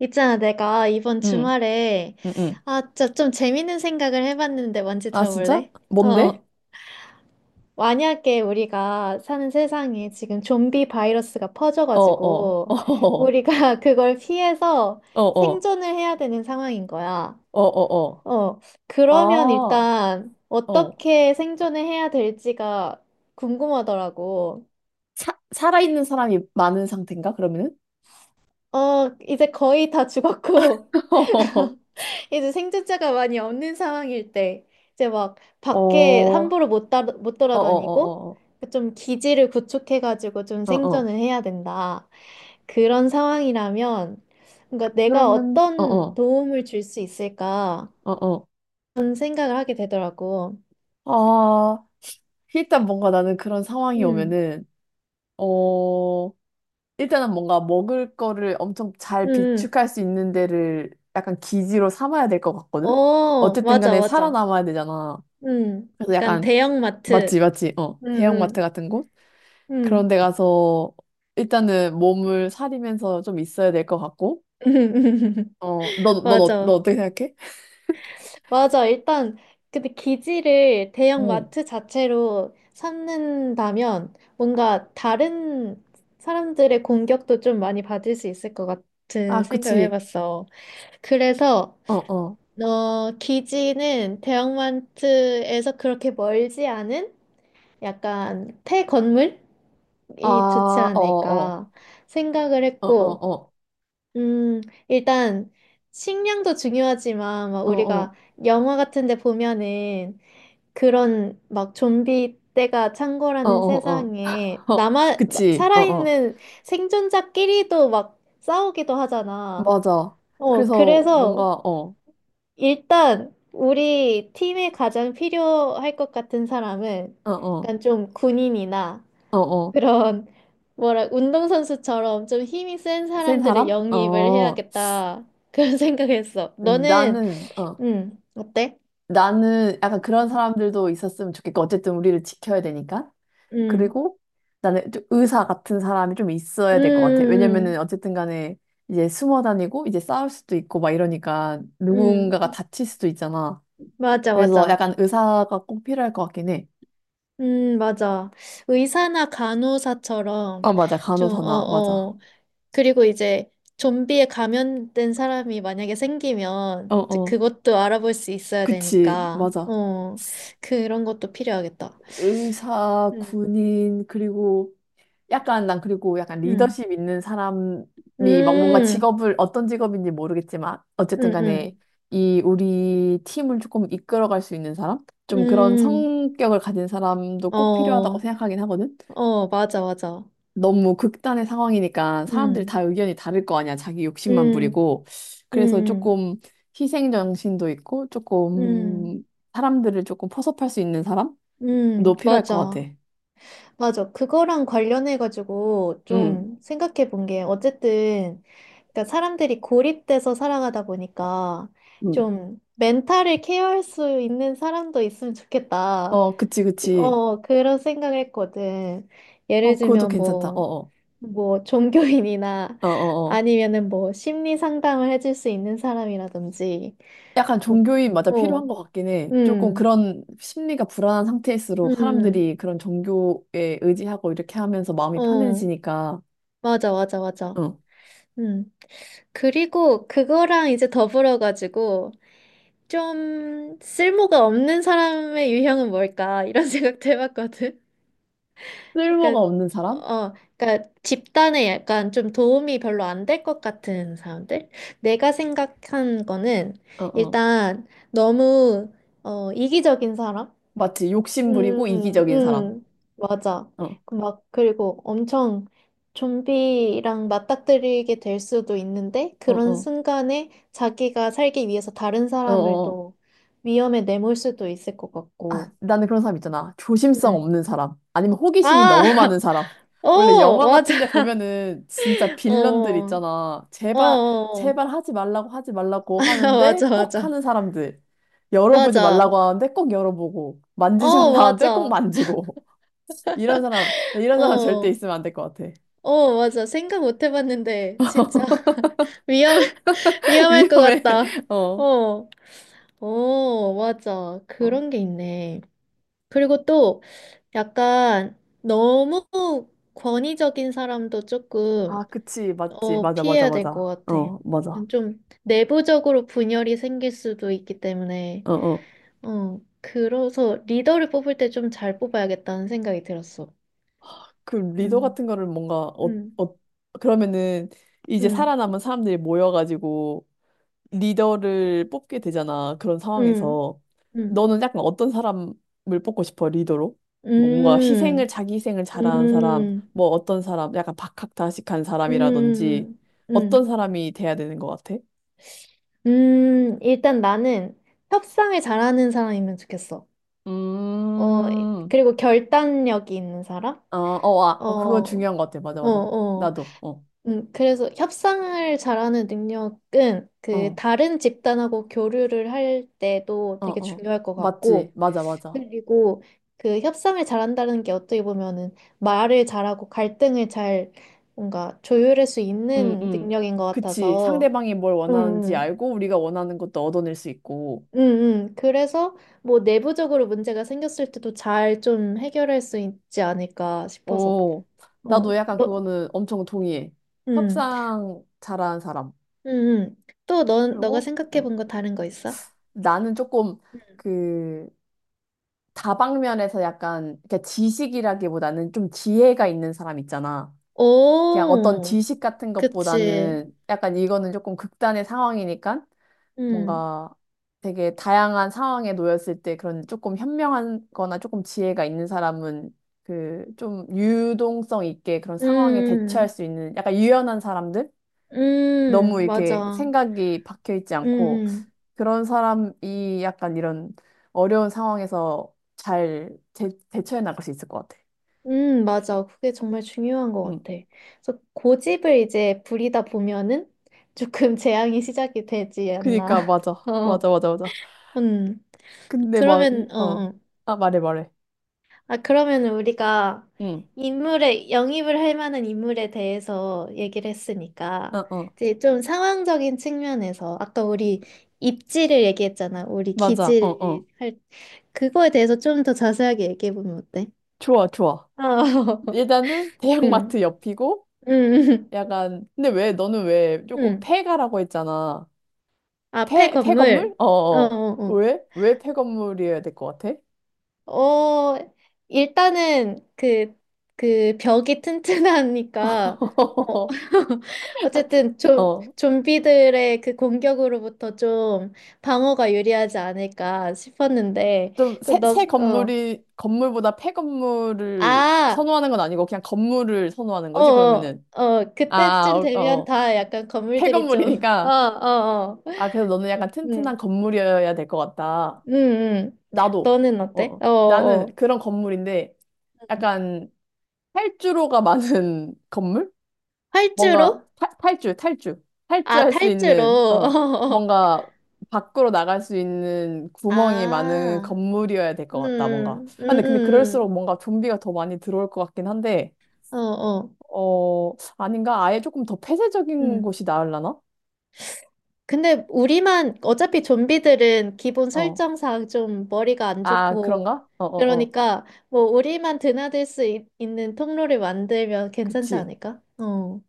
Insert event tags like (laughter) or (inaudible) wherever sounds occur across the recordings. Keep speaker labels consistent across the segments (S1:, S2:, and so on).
S1: 있잖아, 내가 이번
S2: 응,
S1: 주말에,
S2: 응, 응.
S1: 좀 재밌는 생각을 해봤는데 뭔지
S2: 아, 진짜?
S1: 들어볼래?
S2: 뭔데?
S1: 어, 만약에 우리가 사는 세상에 지금 좀비 바이러스가
S2: 어, 어, (laughs)
S1: 퍼져가지고,
S2: 어,
S1: 우리가 (laughs) 그걸 피해서
S2: 어, 어,
S1: 생존을 해야 되는 상황인 거야.
S2: 어, 어,
S1: 어,
S2: 어. 어.
S1: 그러면
S2: 아,
S1: 일단
S2: 어.
S1: 어떻게 생존을 해야 될지가 궁금하더라고.
S2: 살아있는 사람이 많은 상태인가, 그러면은?
S1: 어, 이제 거의 다 죽었고,
S2: (laughs)
S1: (laughs) 이제 생존자가 많이 없는 상황일 때 이제 막
S2: 어,
S1: 밖에
S2: 어,
S1: 함부로 못
S2: 어,
S1: 돌아다니고
S2: 어, 어,
S1: 좀 기지를 구축해가지고 좀
S2: 어, 어, 어.
S1: 생존을 해야 된다. 그런 상황이라면 뭔가 내가
S2: 그러면, 어,
S1: 어떤
S2: 어,
S1: 도움을 줄 수 있을까?
S2: 어, 어.
S1: 그런 생각을 하게 되더라고.
S2: 아, 일단 뭔가 나는 그런 상황이
S1: 음,
S2: 오면은, 어, 일단은 뭔가 먹을 거를 엄청
S1: 음,
S2: 잘
S1: 음.
S2: 비축할 수 있는 데를 약간 기지로 삼아야 될 것 같거든?
S1: 어,
S2: 어쨌든
S1: 맞아,
S2: 간에
S1: 맞아.
S2: 살아남아야 되잖아.
S1: 음,
S2: 그래서
S1: 약간
S2: 약간 맞지
S1: 대형마트.
S2: 맞지 어 대형마트
S1: 음,
S2: 같은 곳 그런
S1: 음,
S2: 데
S1: 음.
S2: 가서 일단은 몸을 사리면서 좀 있어야 될 것 같고
S1: (laughs)
S2: 너
S1: 맞아.
S2: 어떻게 생각해?
S1: 맞아. 일단 근데 기지를
S2: 어.
S1: 대형
S2: 어.
S1: 마트 자체로 삼는다면 뭔가 다른 사람들의 공격도 좀 많이 받을 수 있을 것 같은
S2: 아,
S1: 생각을
S2: 그치.
S1: 해봤어. 그래서 어, 기지는 대형 마트에서 그렇게 멀지 않은 약간 폐 건물이 좋지 않을까 생각을 했고,
S2: 어어아어어어 어 어 어 어 어 어 어 어 어
S1: 음, 일단 식량도 중요하지만 막 우리가 영화 같은 데 보면은 그런 막 좀비 때가 찬 거라는 세상에
S2: 그치 어 어
S1: 살아있는 생존자끼리도 막 싸우기도 하잖아.
S2: 맞아.
S1: 어,
S2: 그래서
S1: 그래서
S2: 뭔가
S1: 일단 우리 팀에 가장 필요할 것 같은 사람은
S2: 어어어 어 어
S1: 약간 좀 군인이나 그런 뭐라 운동선수처럼 좀 힘이 센
S2: 센
S1: 사람들을
S2: 사람?
S1: 영입을
S2: 어
S1: 해야겠다. 그런 (laughs) 생각했어. 너는
S2: 나는 어
S1: 어때?
S2: 나는 약간 그런 사람들도 있었으면 좋겠고 어쨌든 우리를 지켜야 되니까
S1: 응.
S2: 그리고 나는 좀 의사 같은 사람이 좀
S1: 음.
S2: 있어야 될 것 같아. 왜냐면은
S1: 음.
S2: 어쨌든 간에 이제 숨어 다니고 이제 싸울 수도 있고 막 이러니까
S1: 음. 음.
S2: 누군가가
S1: 음.
S2: 다칠 수도 있잖아.
S1: 맞아,
S2: 그래서
S1: 맞아.
S2: 약간 의사가 꼭 필요할 것 같긴 해.
S1: 맞아. 의사나
S2: 아,
S1: 간호사처럼
S2: 맞아.
S1: 좀, 어,
S2: 간호사나. 맞아.
S1: 어. 그리고 이제 좀비에 감염된 사람이 만약에
S2: 어,
S1: 생기면 이제
S2: 어.
S1: 그것도 알아볼 수 있어야
S2: 그치.
S1: 되니까,
S2: 맞아.
S1: 어, 그런 것도 필요하겠다.
S2: 의사,
S1: 음,
S2: 군인, 그리고 약간 난 그리고 약간
S1: 음,
S2: 리더십 있는 사람이 막 뭔가
S1: 음,
S2: 직업을 어떤 직업인지 모르겠지만 어쨌든
S1: 음,
S2: 간에
S1: 음,
S2: 이 우리 팀을 조금 이끌어갈 수 있는 사람? 좀 그런
S1: 음,
S2: 성격을 가진 사람도 꼭 필요하다고
S1: 어,
S2: 생각하긴 하거든.
S1: 어, 맞아, 맞아.
S2: 너무 극단의 상황이니까 사람들이
S1: 음,
S2: 다 의견이 다를 거 아니야. 자기 욕심만
S1: 음,
S2: 부리고. 그래서
S1: 음,
S2: 조금 희생 정신도 있고
S1: 음,
S2: 조금 사람들을 조금 포섭할 수 있는 사람도 필요할 것
S1: 맞아.
S2: 같아.
S1: 맞아. 그거랑 관련해가지고
S2: 응.
S1: 좀 생각해 본 게, 어쨌든, 그러니까 사람들이 고립돼서 살아가다 보니까
S2: 응.
S1: 좀 멘탈을 케어할 수 있는 사람도 있으면 좋겠다.
S2: 어, 그치, 그치.
S1: 어, 그런 생각을 했거든. 예를
S2: 어, 그것도
S1: 들면
S2: 괜찮다.
S1: 뭐,
S2: 어어.
S1: 뭐, 종교인이나
S2: 어어어.
S1: 아니면은 뭐, 심리 상담을 해줄 수 있는 사람이라든지,
S2: 약간
S1: 뭐,
S2: 종교인 맞아
S1: 뭐,
S2: 필요한 것 같긴 해. 조금
S1: 음,
S2: 그런 심리가 불안한 상태일수록
S1: 음,
S2: 사람들이 그런 종교에 의지하고 이렇게 하면서 마음이
S1: 어,
S2: 편해지니까,
S1: 맞아, 맞아, 맞아.
S2: 어.
S1: 음. 그리고 그거랑 이제 더불어 가지고 좀 쓸모가 없는 사람의 유형은 뭘까 이런 (laughs) 생각도 해봤거든.
S2: 쓸모가
S1: 그러니까
S2: 없는 사람?
S1: 어, 그러니까 집단에 약간 좀 도움이 별로 안 될 것 같은 사람들. 내가 생각한 거는
S2: 어어.
S1: 일단 너무 어, 이기적인 사람.
S2: 마치 욕심 부리고
S1: 음,
S2: 이기적인 사람.
S1: 음, 맞아.
S2: 어
S1: 그 막, 그리고 엄청 좀비랑 맞닥뜨리게 될 수도 있는데, 그런
S2: 어어.
S1: 순간에 자기가 살기 위해서 다른 사람을
S2: 어어.
S1: 또 위험에 내몰 수도 있을 것 같고.
S2: 아, 나는 그런 사람 있잖아. 조심성
S1: 음.
S2: 없는 사람. 아니면 호기심이 너무 많은
S1: 아,
S2: 사람.
S1: (laughs) 오,
S2: 원래 영화 같은 데
S1: 맞아.
S2: 보면은 진짜 빌런들
S1: 어,
S2: 있잖아.
S1: 어,
S2: 제발,
S1: 어.
S2: 제발 하지 말라고 하지 말라고
S1: (laughs)
S2: 하는데
S1: 맞아,
S2: 꼭
S1: 맞아.
S2: 하는 사람들. 열어보지
S1: 맞아.
S2: 말라고 하는데 꼭 열어보고. 만지지
S1: 어,
S2: 말라고 하는데 꼭
S1: 맞아.
S2: 만지고. (laughs) 이런 사람, 이런 사람 절대
S1: 어,
S2: 있으면 안 될 것 같아.
S1: 어, 맞아. 생각 못 해봤는데, 진짜
S2: (laughs)
S1: (laughs) 위험, (laughs) 위험할 것
S2: 위험해.
S1: 같다.
S2: (laughs) 어.
S1: 어. 어, 맞아.
S2: 어.
S1: 그런 게 있네. 그리고 또 약간 너무 권위적인 사람도
S2: 아,
S1: 조금
S2: 그치. 맞지.
S1: 어,
S2: 맞아, 맞아,
S1: 피해야 될 것
S2: 맞아.
S1: 같아.
S2: 어, 맞아.
S1: 약간 좀 내부적으로 분열이 생길 수도 있기 때문에
S2: 어, 어.
S1: 어, 그래서 리더를 뽑을 때 좀 잘 뽑아야겠다는 생각이 들었어.
S2: 그 리더
S1: 음,
S2: 같은 거를 뭔가 어,
S1: 음,
S2: 어 그러면은 이제
S1: 음,
S2: 살아남은 사람들이 모여가지고 리더를 뽑게 되잖아. 그런
S1: 음,
S2: 상황에서
S1: 음,
S2: 너는 약간 어떤 사람을 뽑고 싶어 리더로? 뭐 뭔가
S1: 음,
S2: 희생을 자기 희생을 잘하는 사람,
S1: 음,
S2: 뭐 어떤 사람, 약간 박학다식한
S1: 음,
S2: 사람이라든지
S1: 음,
S2: 어떤
S1: 음.
S2: 사람이 돼야 되는 것 같아?
S1: 일단 나는 협상을 잘하는 사람이면 좋겠어. 어,
S2: 음,
S1: 그리고 결단력이 있는 사람?
S2: 어, 어, 아,
S1: 어,
S2: 어, 그건
S1: 어,
S2: 중요한 것 같아. 맞아, 맞아.
S1: 어.
S2: 나도, 어,
S1: 그래서 협상을 잘하는 능력은 그
S2: 어,
S1: 다른 집단하고 교류를 할 때도
S2: 어,
S1: 되게
S2: 어.
S1: 중요할 것
S2: 맞지,
S1: 같고,
S2: 맞아, 맞아.
S1: 그리고 그 협상을 잘한다는 게 어떻게 보면은 말을 잘하고 갈등을 잘 뭔가 조율할 수
S2: 응,
S1: 있는
S2: 응.
S1: 능력인 것
S2: 그치.
S1: 같아서,
S2: 상대방이 뭘
S1: 음,
S2: 원하는지
S1: 음.
S2: 알고 우리가 원하는 것도 얻어낼 수 있고.
S1: 음, 그래서 뭐 내부적으로 문제가 생겼을 때도 잘 좀 해결할 수 있지 않을까 싶어서.
S2: 오,
S1: 어,
S2: 나도 약간
S1: 너,
S2: 그거는 엄청 동의해.
S1: 음,
S2: 협상 잘하는 사람.
S1: 음, 또 너, 너가
S2: 그리고
S1: 생각해 본 거 다른 거 있어?
S2: 나는 조금
S1: 음.
S2: 그 다방면에서 약간 그러니까 지식이라기보다는 좀 지혜가 있는 사람 있잖아. 그냥 어떤
S1: 오,
S2: 지식 같은
S1: 그치.
S2: 것보다는 약간 이거는 조금 극단의 상황이니까
S1: 음,
S2: 뭔가 되게 다양한 상황에 놓였을 때 그런 조금 현명한 거나 조금 지혜가 있는 사람은 그 좀 유동성 있게 그런 상황에 대처할
S1: 음,
S2: 수 있는 약간 유연한 사람들? 너무 이렇게
S1: 맞아.
S2: 생각이 박혀 있지
S1: 음,
S2: 않고
S1: 음,
S2: 그런 사람이 약간 이런 어려운 상황에서 잘 대처해 나갈 수 있을 것 같아.
S1: 맞아. 그게 정말 중요한 것
S2: 응.
S1: 같아. 그래서 고집을 이제 부리다 보면은 조금 (laughs) 재앙이 시작이 되지
S2: 그니까
S1: 않나.
S2: 맞아.
S1: (laughs) 어,
S2: 맞아 맞아 맞아.
S1: 음.
S2: 근데 막 이,
S1: 그러면, 어,
S2: 어.
S1: 어.
S2: 아, 말해 말해.
S1: 아, 그러면 우리가
S2: 응.
S1: 인물에, 영입을 할 만한 인물에 대해서 얘기를
S2: 어
S1: 했으니까,
S2: 어.
S1: 이제 좀 상황적인 측면에서, 아까 우리 입지를 얘기했잖아. 우리
S2: 맞아. 어 어.
S1: 기지를 할, 그거에 대해서 좀 더 자세하게 얘기해보면 어때?
S2: 좋아 좋아.
S1: 어, (laughs)
S2: 일단은 (laughs)
S1: 응,
S2: 대형마트 옆이고
S1: 응,
S2: 약간 근데 왜 너는 왜 조금
S1: 응.
S2: 폐가라고 했잖아.
S1: 앞에
S2: 폐 폐건물?
S1: 건물,
S2: 어.
S1: 어,
S2: 어.
S1: 어,
S2: 어.
S1: 어.
S2: 왜? 왜 폐건물이어야 될 것 같아?
S1: 어, 일단은 그, 그 벽이 튼튼하니까, 어,
S2: (laughs)
S1: (laughs) 어쨌든 좀,
S2: 어.
S1: 좀비들의 그 공격으로부터 좀 방어가 유리하지 않을까 싶었는데,
S2: 좀
S1: 그,
S2: 새
S1: 너,
S2: 새
S1: 어,
S2: 건물이 건물보다 폐건물을
S1: 아,
S2: 선호하는 건 아니고 그냥 건물을 선호하는
S1: 어,
S2: 거지.
S1: 어,
S2: 그러면은
S1: 어,
S2: 아,
S1: 그때쯤
S2: 어,
S1: 되면
S2: 어.
S1: 다 약간 건물들이 좀, (laughs) 어,
S2: 폐건물이니까
S1: 어, 어,
S2: 아, 그래서 너는 약간 튼튼한
S1: 응,
S2: 건물이어야 될 것 같다.
S1: 응, 응.
S2: 나도.
S1: 너는
S2: 어.
S1: 어때?
S2: 어.
S1: 어, 어.
S2: 나는 그런 건물인데 약간 탈주로가 많은 (laughs) 건물? 뭔가
S1: 활주로?
S2: 탈주.
S1: 아,
S2: 탈주할 수
S1: 탈주로.
S2: 있는,
S1: (laughs) 어,
S2: 어,
S1: 어.
S2: 뭔가 밖으로 나갈 수 있는 구멍이 많은
S1: 아.
S2: 건물이어야 될 것 같다, 뭔가.
S1: 음, 음,
S2: 아, 근데
S1: 음,
S2: 그럴수록 뭔가 좀비가 더 많이 들어올 것 같긴 한데,
S1: 어, 어,
S2: 어, 아닌가? 아예 조금 더 폐쇄적인
S1: 음.
S2: 곳이 나으려나?
S1: 근데 우리만 어차피 좀비들은 기본
S2: 어.
S1: 설정상 좀 머리가 안
S2: 아,
S1: 좋고
S2: 그런가? 어, 어, 어.
S1: 그러니까 뭐 우리만 드나들 수 있, 는 통로를 만들면 괜찮지
S2: 그치.
S1: 않을까? 어.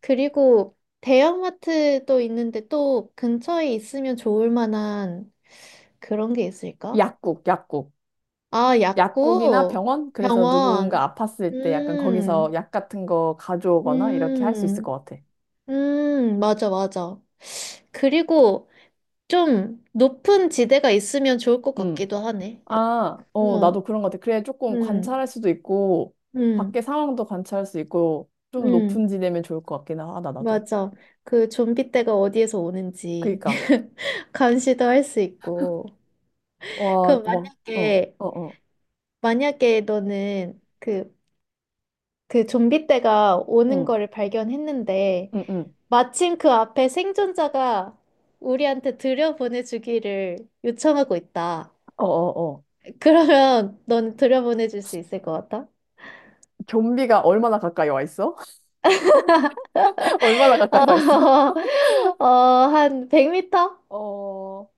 S1: 그리고 대형마트도 있는데 또 근처에 있으면 좋을 만한 그런 게 있을까?
S2: 약국, 약국.
S1: 아,
S2: 약국이나
S1: 약국,
S2: 병원? 그래서
S1: 병원.
S2: 누군가 아팠을 때 약간 거기서
S1: 음,
S2: 약 같은 거 가져오거나 이렇게 할 수 있을
S1: 음.
S2: 것 같아.
S1: 맞아, 맞아. 그리고 좀 높은 지대가 있으면 좋을 것
S2: 음.
S1: 같기도 하네.
S2: 아, 어,
S1: 어,
S2: 나도 그런 것 같아. 그래, 조금
S1: 음,
S2: 관찰할 수도 있고, 밖에
S1: 음,
S2: 상황도 관찰할 수 있고, 좀
S1: 음,
S2: 높은 지대면 좋을 것 같긴 하다, 나도.
S1: 맞아. 그 좀비 떼가 어디에서 오는지
S2: 그니까,
S1: (laughs) 감시도 할 수 있고.
S2: 와,
S1: 그럼
S2: 막, 어,
S1: 만약에,
S2: 어, 어,
S1: 만약에 너는 그, 그 좀비 떼가 오는
S2: 응,
S1: 거를 발견했는데,
S2: 응, 응,
S1: 마침 그 앞에 생존자가 우리한테 들여보내주기를 요청하고 있다.
S2: 어, 어, 어.
S1: 그러면 넌 들여보내줄 수 있을 것 같아?
S2: 좀비가 얼마나 가까이 와 있어? (laughs) 얼마나 가까이
S1: 어,
S2: 와 있어? (laughs)
S1: (laughs) 어, 한 100m?
S2: 어,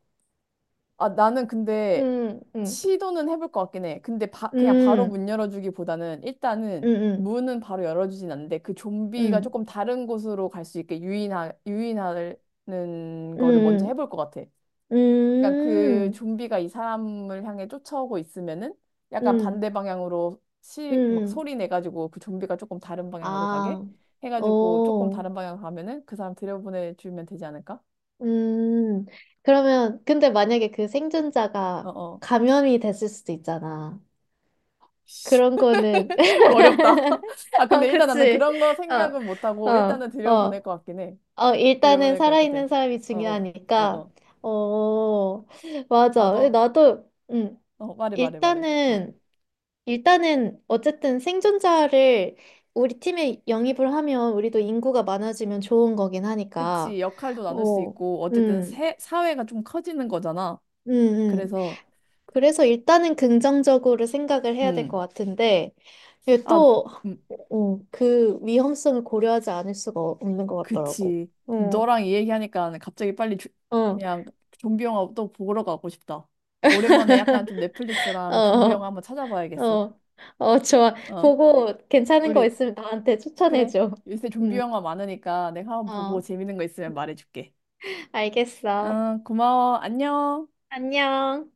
S2: 아, 나는 근데
S1: 음, 음,
S2: 시도는 해볼 것 같긴 해. 근데 그냥 바로
S1: 음,
S2: 문 열어주기보다는 일단은
S1: 음,
S2: 문은 바로 열어주진 않는데 그 좀비가
S1: 음,
S2: 조금 다른 곳으로 갈 수 있게 유인하는 거를 먼저
S1: 음,
S2: 해볼 것 같아.
S1: 음,
S2: 그러니까 그
S1: 음,
S2: 좀비가 이 사람을 향해 쫓아오고 있으면은
S1: 음,
S2: 약간
S1: 음.
S2: 반대 방향으로 막
S1: 음.
S2: 소리 내가지고 그 좀비가 조금 다른 방향으로 가게
S1: 아,
S2: 해가지고 조금
S1: 오,
S2: 다른 방향으로 가면은 그 사람 들여보내주면 되지 않을까?
S1: 음. 그러면, 근데 만약에 그 생존자가
S2: 어어.
S1: 감염이 됐을 수도 있잖아. 그런 거는,
S2: 어렵다. (laughs)
S1: (laughs)
S2: 아,
S1: 어,
S2: 근데 일단 나는
S1: 그치.
S2: 그런 거 생각은
S1: 어,
S2: 못하고, 일단은
S1: 어,
S2: 들여보낼
S1: 어.
S2: 것 같긴 해.
S1: 어, 일단은
S2: 들여보낼 것 같아.
S1: 살아있는 사람이
S2: 어, 어, 어,
S1: 중요하니까.
S2: 어.
S1: 어,
S2: 아,
S1: 맞아.
S2: 너,
S1: 나도,
S2: 말해, 말해, 말해. 어.
S1: 일단은, 일단은, 어쨌든 생존자를 우리 팀에 영입을 하면 우리도 인구가 많아지면 좋은 거긴
S2: 그치,
S1: 하니까.
S2: 역할도 나눌 수
S1: 어,
S2: 있고, 어쨌든
S1: 음,
S2: 사회가 좀 커지는 거잖아.
S1: 음, 음.
S2: 그래서,
S1: 그래서 일단은 긍정적으로 생각을 해야 될 것
S2: 음,
S1: 같은데, 이게
S2: 아,
S1: 또,
S2: 음,
S1: 어, 그 위험성을 고려하지 않을 수가 없는 것 같더라고.
S2: 그치.
S1: 어,
S2: 너랑 이 얘기하니까 갑자기 빨리
S1: 어,
S2: 그냥 좀비 영화 또 보러 가고 싶다. 오랜만에 약간 좀 넷플릭스랑 좀비 영화
S1: 어.
S2: 한번 찾아봐야겠어.
S1: 어, 어, 좋아.
S2: 어,
S1: 보고 괜찮은 거
S2: 우리
S1: 있으면 나한테
S2: 그래.
S1: 추천해줘.
S2: 요새 좀비
S1: 응,
S2: 영화 많으니까 내가 한번 보고
S1: 어,
S2: 재밌는 거 있으면 말해줄게.
S1: 알겠어.
S2: 응, 고마워. 안녕.
S1: 안녕.